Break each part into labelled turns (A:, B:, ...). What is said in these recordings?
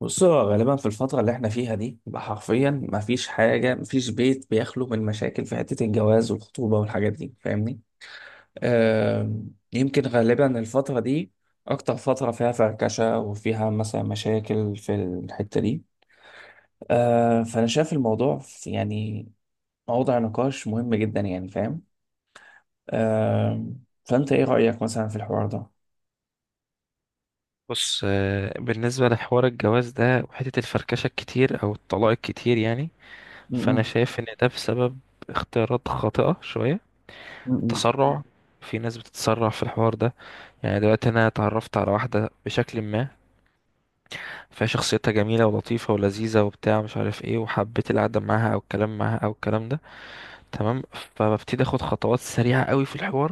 A: بص، هو غالبا في الفترة اللي احنا فيها دي يبقى حرفيا مفيش حاجة، مفيش بيت بيخلو من مشاكل في حتة الجواز والخطوبة والحاجات دي، فاهمني؟ يمكن غالبا الفترة دي أكتر فترة فيها فركشة وفيها مثلا مشاكل في الحتة دي. فأنا شايف الموضوع يعني موضوع نقاش مهم جدا، يعني فاهم؟ فأنت إيه رأيك مثلا في الحوار ده؟
B: بص، آه، بالنسبة لحوار الجواز ده وحتة الفركشة الكتير أو الطلاق الكتير يعني
A: م-
B: فأنا
A: م-
B: شايف إن ده بسبب اختيارات خاطئة شوية.
A: م- م.
B: التسرع، في ناس بتتسرع في الحوار ده. يعني دلوقتي أنا اتعرفت على واحدة بشكل ما، فشخصيتها جميلة ولطيفة ولذيذة وبتاع مش عارف ايه، وحبيت القعدة معاها أو الكلام معاها أو الكلام ده، تمام؟ فببتدي أخد خطوات سريعة قوي في الحوار.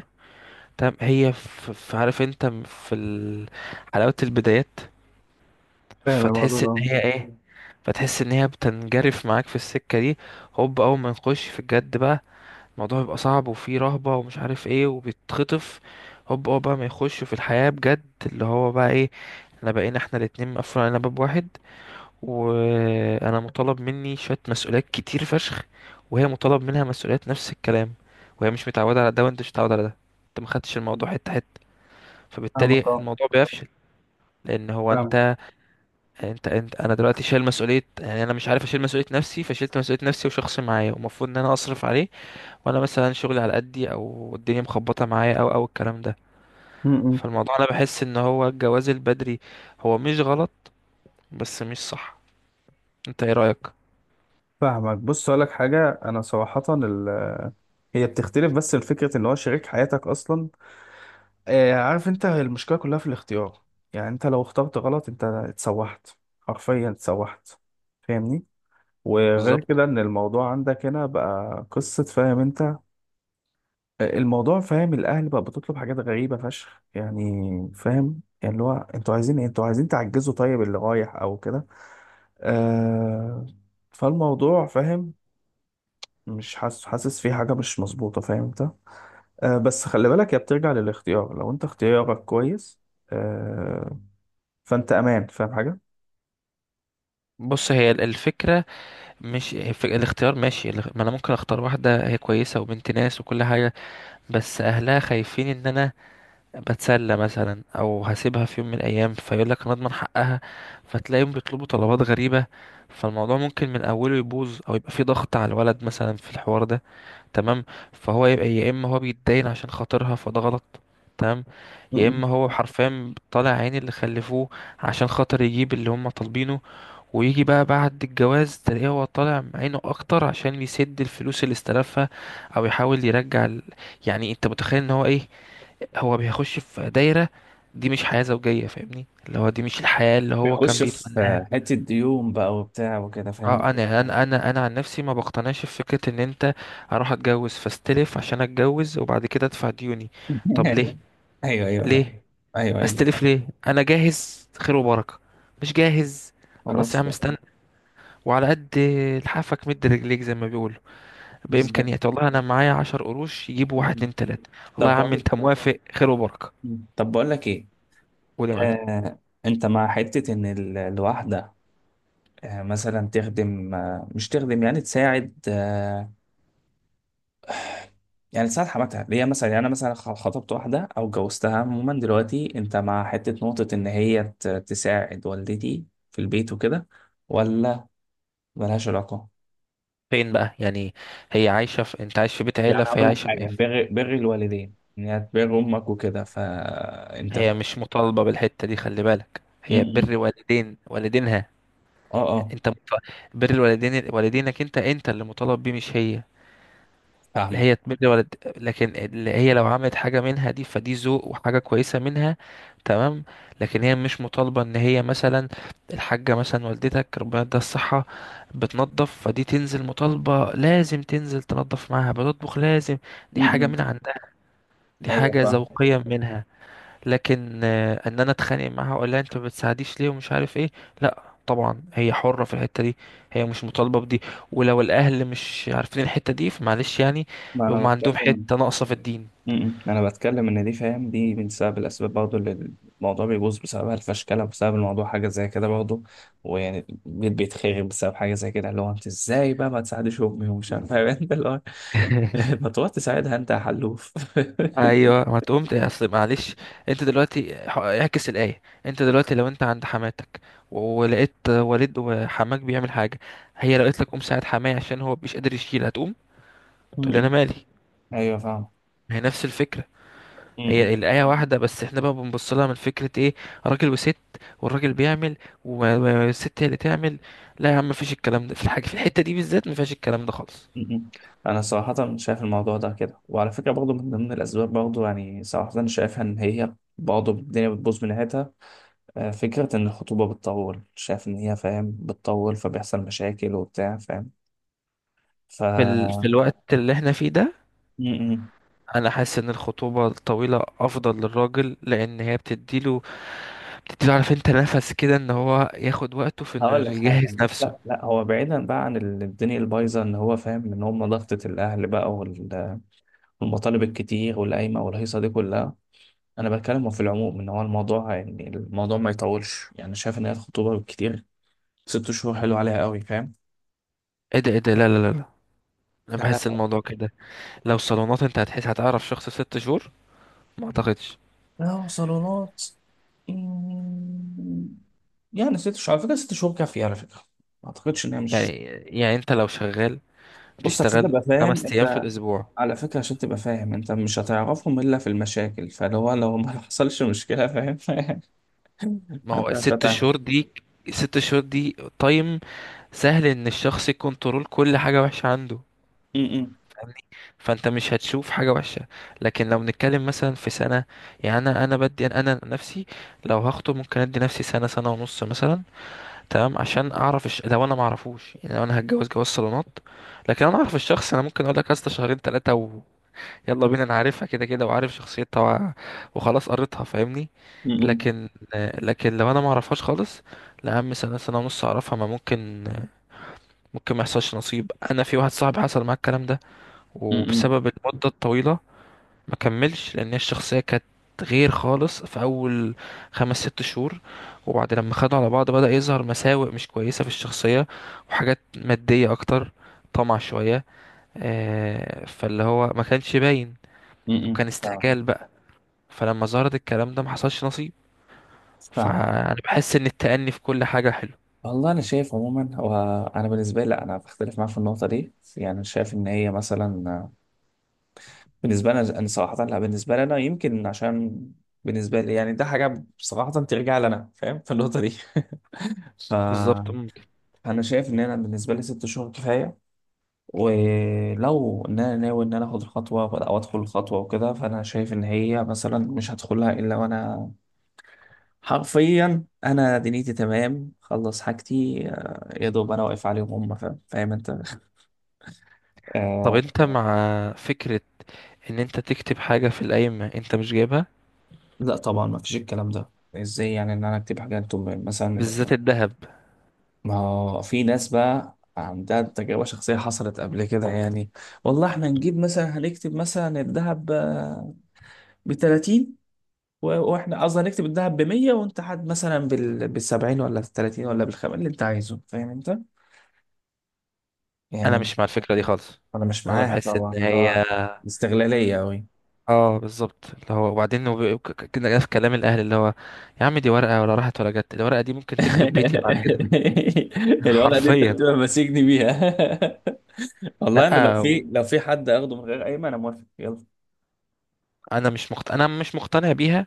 B: تمام، هي في، عارف انت، في حلاوة البدايات.
A: فاهم الموضوع
B: فتحس
A: ده،
B: ان
A: اه.
B: هي ايه، فتحس ان هي بتنجرف معاك في السكة دي. هوب اول ما نخش في الجد بقى، الموضوع بيبقى صعب وفيه رهبة ومش عارف ايه وبيتخطف. هوب اول بقى ما يخشوا في الحياة بجد، اللي هو بقى ايه، احنا بقينا احنا الاتنين مقفول علينا باب واحد، وانا مطالب مني شوية مسؤوليات كتير فشخ، وهي مطالب منها مسؤوليات نفس الكلام، وهي مش متعودة على ده وانت مش متعود على ده. انت ما خدتش الموضوع حتة حتة، فبالتالي
A: فاهمك، اه.
B: الموضوع بيفشل. لان هو
A: فاهمك.
B: انت انا دلوقتي شايل مسؤوليه، يعني انا مش عارف اشيل مسؤوليه نفسي، فشلت مسؤوليه نفسي وشخص معايا ومفروض ان انا اصرف عليه، وانا مثلا شغلي على قدي او الدنيا مخبطه معايا او الكلام ده.
A: م- م.
B: فالموضوع انا بحس ان هو الجواز البدري هو مش غلط، بس مش صح. انت ايه رايك؟
A: فاهمك. بص، اقول لك حاجه، انا صراحه هي بتختلف، بس الفكره ان هو شريك حياتك اصلا. آه، عارف انت، هي المشكله كلها في الاختيار. يعني انت لو اخترت غلط، انت اتسوحت، حرفيا اتسوحت، فاهمني؟ وغير
B: بالظبط.
A: كده ان الموضوع عندك هنا بقى قصه، فاهم انت؟ آه، الموضوع، فاهم، الاهل بقى بتطلب حاجات غريبه فشخ يعني. فاهم؟ يعني اللي هو انتوا عايزين إيه؟ انتوا عايزين تعجزوا طيب اللي رايح او كده؟ آه. فالموضوع فاهم. مش حاسس، حاسس في حاجة مش مظبوطة، فاهم انت؟ آه، بس خلي بالك، هي بترجع للاختيار، لو انت اختيارك كويس. آه. فانت امان، فاهم حاجة؟
B: بص، هي الفكره مش الاختيار، ماشي. ما انا ممكن اختار واحده هي كويسه وبنت ناس وكل حاجه، بس اهلها خايفين ان انا بتسلى مثلا او هسيبها في يوم من الايام، فيقول لك انا اضمن حقها، فتلاقيهم بيطلبوا طلبات غريبه. فالموضوع ممكن من اوله يبوظ او يبقى فيه ضغط على الولد مثلا في الحوار ده، تمام؟ فهو يبقى يا اما هو بيتداين عشان خاطرها، فده غلط، تمام؟ يا
A: م-م.
B: اما هو حرفيا طالع عين اللي خلفوه عشان خاطر يجيب اللي هم طالبينه، ويجي بقى بعد الجواز تلاقيه هو طالع عينه اكتر عشان يسد الفلوس اللي استلفها، او يحاول يرجع يعني انت متخيل ان هو ايه، هو بيخش في دايرة. دي مش حياة زوجية، فاهمني؟ اللي هو دي مش الحياة اللي هو كان
A: بيخش
B: بيتمناها.
A: في حتة ديون بقى وبتاع وكده، فاهم.
B: اه، انا عن نفسي ما بقتنعش في فكرة ان انت اروح اتجوز فاستلف عشان اتجوز وبعد كده ادفع ديوني. طب ليه؟
A: ايوه ايوه، لا.
B: ليه؟
A: ايوه ايوه.
B: استلف ليه؟ انا جاهز خير وبركة، مش جاهز خلاص يا
A: خلاص،
B: عم
A: فاهم.
B: استنى. وعلى قد لحافك مد رجليك، زي ما بيقولوا،
A: بالظبط.
B: بإمكانيات. والله انا معايا عشر قروش يجيبوا واحد
A: م-م.
B: اتنين تلاتة. والله
A: طب
B: يا عم
A: بقول
B: انت موافق خير وبركة.
A: طب بقول لك ايه.
B: قول يا معلم.
A: آه، انت مع حتة ان الواحدة مثلا تخدم، مش تخدم، يعني تساعد، يعني ساعة حماتها اللي هي مثلا. يعني انا مثلا خطبت واحده او جوزتها عموما، دلوقتي انت مع حته نقطه ان هي تساعد والدتي في البيت وكده، ولا ملهاش علاقه؟
B: فين بقى يعني؟ هي عايشة في، انت عايش في بيت عيلة
A: يعني
B: فهي
A: هقول لك
B: عايشة في... إيه؟
A: حاجه، بر، بر الوالدين، ان هي تبر امك وكده، فانت
B: هي مش مطالبة بالحتة دي، خلي بالك،
A: م-
B: هي
A: م.
B: بر والدين والدينها.
A: اه، اه.
B: انت مط... بر والدين والدينك، انت اللي مطالب بيه مش هي. لا،
A: فاهمك.
B: هي تبر والد، لكن اللي هي لو عملت حاجة منها دي فدي ذوق وحاجة كويسة منها، تمام؟ لكن هي مش مطالبة ان هي مثلا، الحاجة مثلا والدتك ربنا يديها الصحة بتنظف، فدي تنزل مطالبة لازم تنزل تنظف معاها، بتطبخ لازم.
A: م-
B: دي حاجة من
A: م.
B: عندها، دي
A: ايوه،
B: حاجة
A: فاهمك.
B: ذوقية منها. لكن آه، ان انا اتخانق معاها اقول لها انت ما بتساعديش ليه ومش عارف ايه، لا طبعا، هي حرة في الحتة دي، هي مش مطالبة بدي. ولو الاهل مش عارفين الحتة دي فمعلش يعني،
A: ما انا
B: يبقى عندهم
A: بتكلم.
B: حتة ناقصة في الدين.
A: م-م. انا بتكلم ان دي، فاهم، دي من سبب الاسباب برضه، اللي الموضوع بيبوظ بسببها. الفشكله بسبب الموضوع حاجه زي كده برضه، ويعني البيت بيتخرب بسبب حاجه زي كده، اللي هو انت ازاي بقى ما تساعدش امي ومش عارف إيه، فاهم؟ انت اللي هو ما تروح تساعدها انت يا حلوف.
B: ايوه، ما تقوم اصل معلش، انت دلوقتي اعكس الايه، انت دلوقتي لو انت عند حماتك ولقيت والد وحماك بيعمل حاجه، هي لو قالت لك قوم ساعد حماي عشان هو مش قادر يشيل، هتقوم تقول لي انا
A: م-م.
B: مالي؟
A: ايوه، فاهم.
B: ما هي نفس الفكره،
A: م-م.
B: هي الآية واحدة، بس احنا بقى بنبص لها من فكرة ايه، راجل وست، والراجل بيعمل والست هي اللي تعمل. لا يا عم، مفيش الكلام ده في الحاجة، في الحتة دي بالذات مفيهاش الكلام ده خالص.
A: م-م. انا صراحه شايف الموضوع ده كده، وعلى فكره برضه من ضمن الاسباب برضه، يعني صراحه شايفها ان هي برضه الدنيا بتبوظ من ناحيتها. آه، فكرة إن الخطوبة بتطول، شايف إن هي، فاهم، بتطول، فبيحصل مشاكل وبتاع، فاهم. ف.
B: في, في الوقت اللي احنا فيه ده،
A: م-م.
B: انا حاسس ان الخطوبة الطويلة افضل للراجل، لان هي بتديله، بتديله، عارف انت، نفس كده، ان هو ياخد وقته في انه
A: هقول لك حاجة.
B: يجهز نفسه.
A: لا لا، هو بعيدا بقى عن الدنيا البايظة، إن هو، فاهم، إن هم ضغطة الأهل بقى والمطالب الكتير والقايمة والهيصة دي كلها. أنا بتكلم في العموم إن هو الموضوع، يعني الموضوع ما يطولش، يعني شايف إن هي الخطوبة بالكتير ست شهور، حلو عليها قوي، فاهم.
B: ايه ده، ايه ده، لا لا لا لا، انا
A: لا
B: بحس
A: لا
B: الموضوع كده. لو صالونات انت هتحس هتعرف شخص في ست شهور؟ ما اعتقدش.
A: لا. صالونات. مم، يعني ست شهور، على فكرة، ست شهور كافية على فكرة. ما أعتقدش إن هي
B: يعني،
A: مش.
B: يعني انت لو شغال،
A: بص، عشان
B: بتشتغل
A: تبقى فاهم
B: خمس ايام في
A: أنت.
B: الاسبوع،
A: على فكرة، عشان تبقى فاهم أنت، مش هتعرفهم إلا في المشاكل، فلو هو لو ما حصلش مشكلة، فاهم.
B: ما هو
A: فأنت
B: الست
A: هتتعرف.
B: شهور دي، الست شهور دي تايم سهل ان الشخص يكنترول كل حاجة وحشة عنده،
A: م-م.
B: فاهمني؟ فانت مش هتشوف حاجة وحشة. لكن لو بنتكلم مثلا في سنة، يعني انا بدي انا نفسي لو هخطب ممكن ادي نفسي سنة سنة ونص مثلا، تمام، عشان اعرف لو انا معرفوش، يعني لو انا هتجوز جواز صالونات. لكن لو انا اعرف الشخص، انا ممكن اقول لك يا اسطى شهرين ثلاثة، يلا بينا، انا عارفها كده كده وعارف شخصيتها وخلاص قريتها، فاهمني؟
A: م-م.
B: لكن، لكن لو انا ما اعرفهاش خالص، لا يا عم، سنه سنه ونص اعرفها، ما ممكن. ممكن ما يحصلش نصيب. انا في واحد صاحبي حصل معاه الكلام ده،
A: م-م.
B: وبسبب المده الطويله ما كملش، لان هي الشخصيه كانت غير خالص في اول خمس ست شهور، وبعد لما خدوا على بعض بدأ يظهر مساوئ مش كويسه في الشخصيه، وحاجات ماديه اكتر، طمع شويه، آه، فاللي هو ما كانش باين،
A: م-م.
B: وكان
A: فاهم.
B: استعجال بقى. فلما ظهرت الكلام ده ما حصلش نصيب.
A: فاهم.
B: فانا بحس ان التأني في كل حاجة حلو.
A: والله أنا شايف عموما هو، أنا بالنسبة لي لأ، أنا بختلف معاه في النقطة دي، يعني أنا شايف إن هي مثلا، بالنسبة لنا، أنا صراحة لا، بالنسبة لنا يمكن عشان، بالنسبة لي يعني ده حاجة صراحة ترجع لنا، فاهم، في النقطة دي. ف،
B: بالظبط. ممكن؟
A: أنا شايف إن أنا بالنسبة لي ست شهور كفاية. ولو إن أنا ناوي إن أنا آخد الخطوة، أو أدخل الخطوة وكده، فأنا شايف إن هي مثلا مش هدخلها إلا وأنا حرفيا، أنا دنيتي تمام، خلص حاجتي، يا دوب أنا واقف عليهم هم، فاهم، فاهم أنت.
B: طب
A: آه.
B: انت مع فكرة ان انت تكتب حاجة في القايمة انت مش جايبها،
A: لا طبعا ما فيش الكلام ده. ازاي يعني ان انا اكتب حاجه انتم مثلا؟
B: بالذات الذهب؟
A: ما هو في ناس بقى عندها تجربة شخصية حصلت قبل كده يعني. والله احنا نجيب مثلا، هنكتب مثلا الذهب ب 30، واحنا قصدي هنكتب الذهب ب 100، وانت حد مثلا بال 70 ولا بال 30 ولا بالخم اللي انت عايزه، فاهم انت؟
B: انا
A: يعني
B: مش مع الفكرة دي خالص.
A: انا مش
B: انا
A: معاها
B: بحس ان
A: طبعا، اللي
B: هي،
A: هو استغلالية قوي.
B: اه بالظبط، اللي هو وبعدين كده في كلام الاهل اللي هو، يا عم دي ورقة، ولا راحت ولا جت، الورقة دي ممكن تخرب بيتي بعد كده.
A: الوضع دي انت
B: حرفيا.
A: بتبقى ماسكني بيها.
B: لا،
A: والله انا لو في حد اخده من غير قايمة انا موافق، يلا.
B: انا مش مقتنع بيها،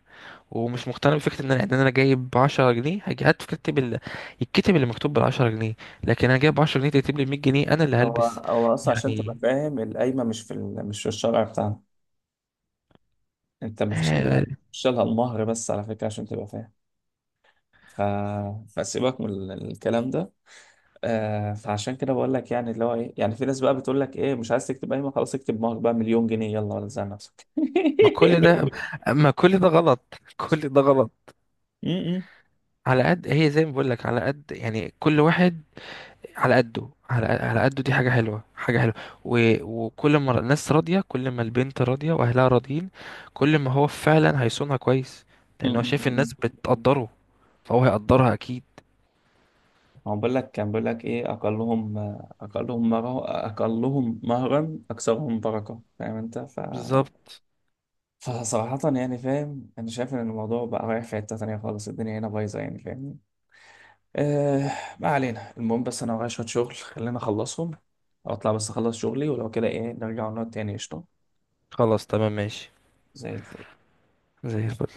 B: ومش مقتنع بفكرة ان انا، ان انا جايب 10 جنيه هات فكرتي الكتب اللي مكتوب بال 10 جنيه. لكن انا جايب 10 جنيه تكتب لي 100 جنيه؟ انا اللي
A: هو،
B: هلبس
A: هو اصلا، عشان تبقى
B: يعني.
A: فاهم، القايمه مش في مش في الشرع بتاعنا. انت ما فيش الا،
B: آه،
A: مش لها المهر بس، على فكره، عشان تبقى فاهم. ف... فسيبك من الكلام ده. آه، فعشان كده بقول لك، يعني اللي هو ايه، يعني في ناس بقى بتقول لك ايه، مش عايز تكتب قايمه، خلاص، اكتب مهر بقى مليون جنيه يلا، ولا تزعل نفسك.
B: ما كل ده، ما كل ده غلط كل ده غلط.
A: م- م-
B: على قد، هي زي ما بقول لك، على قد يعني، كل واحد على قده، على قده، دي حاجة حلوة، حاجة حلوة، و... وكل ما الناس راضية، كل ما البنت راضية واهلها راضيين، كل ما هو فعلا هيصونها كويس،
A: م-
B: لان هو
A: م-
B: شايف
A: م.
B: الناس بتقدره، فهو هيقدرها اكيد.
A: هو بقول لك، كان بيقول لك ايه: اقلهم، اقلهم مره، اقلهم مهرا اكثرهم بركه، فاهم انت؟ ف،
B: بالظبط.
A: فصراحة يعني، فاهم، أنا شايف إن الموضوع بقى رايح في حتة تانية خالص، الدنيا هنا بايظة يعني، فاهمني؟ آه. ما علينا، المهم، بس أنا ورايا شوية شغل، خلينا أخلصهم، أو أطلع بس أخلص شغلي ولو كده إيه، نرجع ونقعد تاني، قشطة.
B: خلاص تمام ماشي،
A: زي الفل.
B: زي الفل.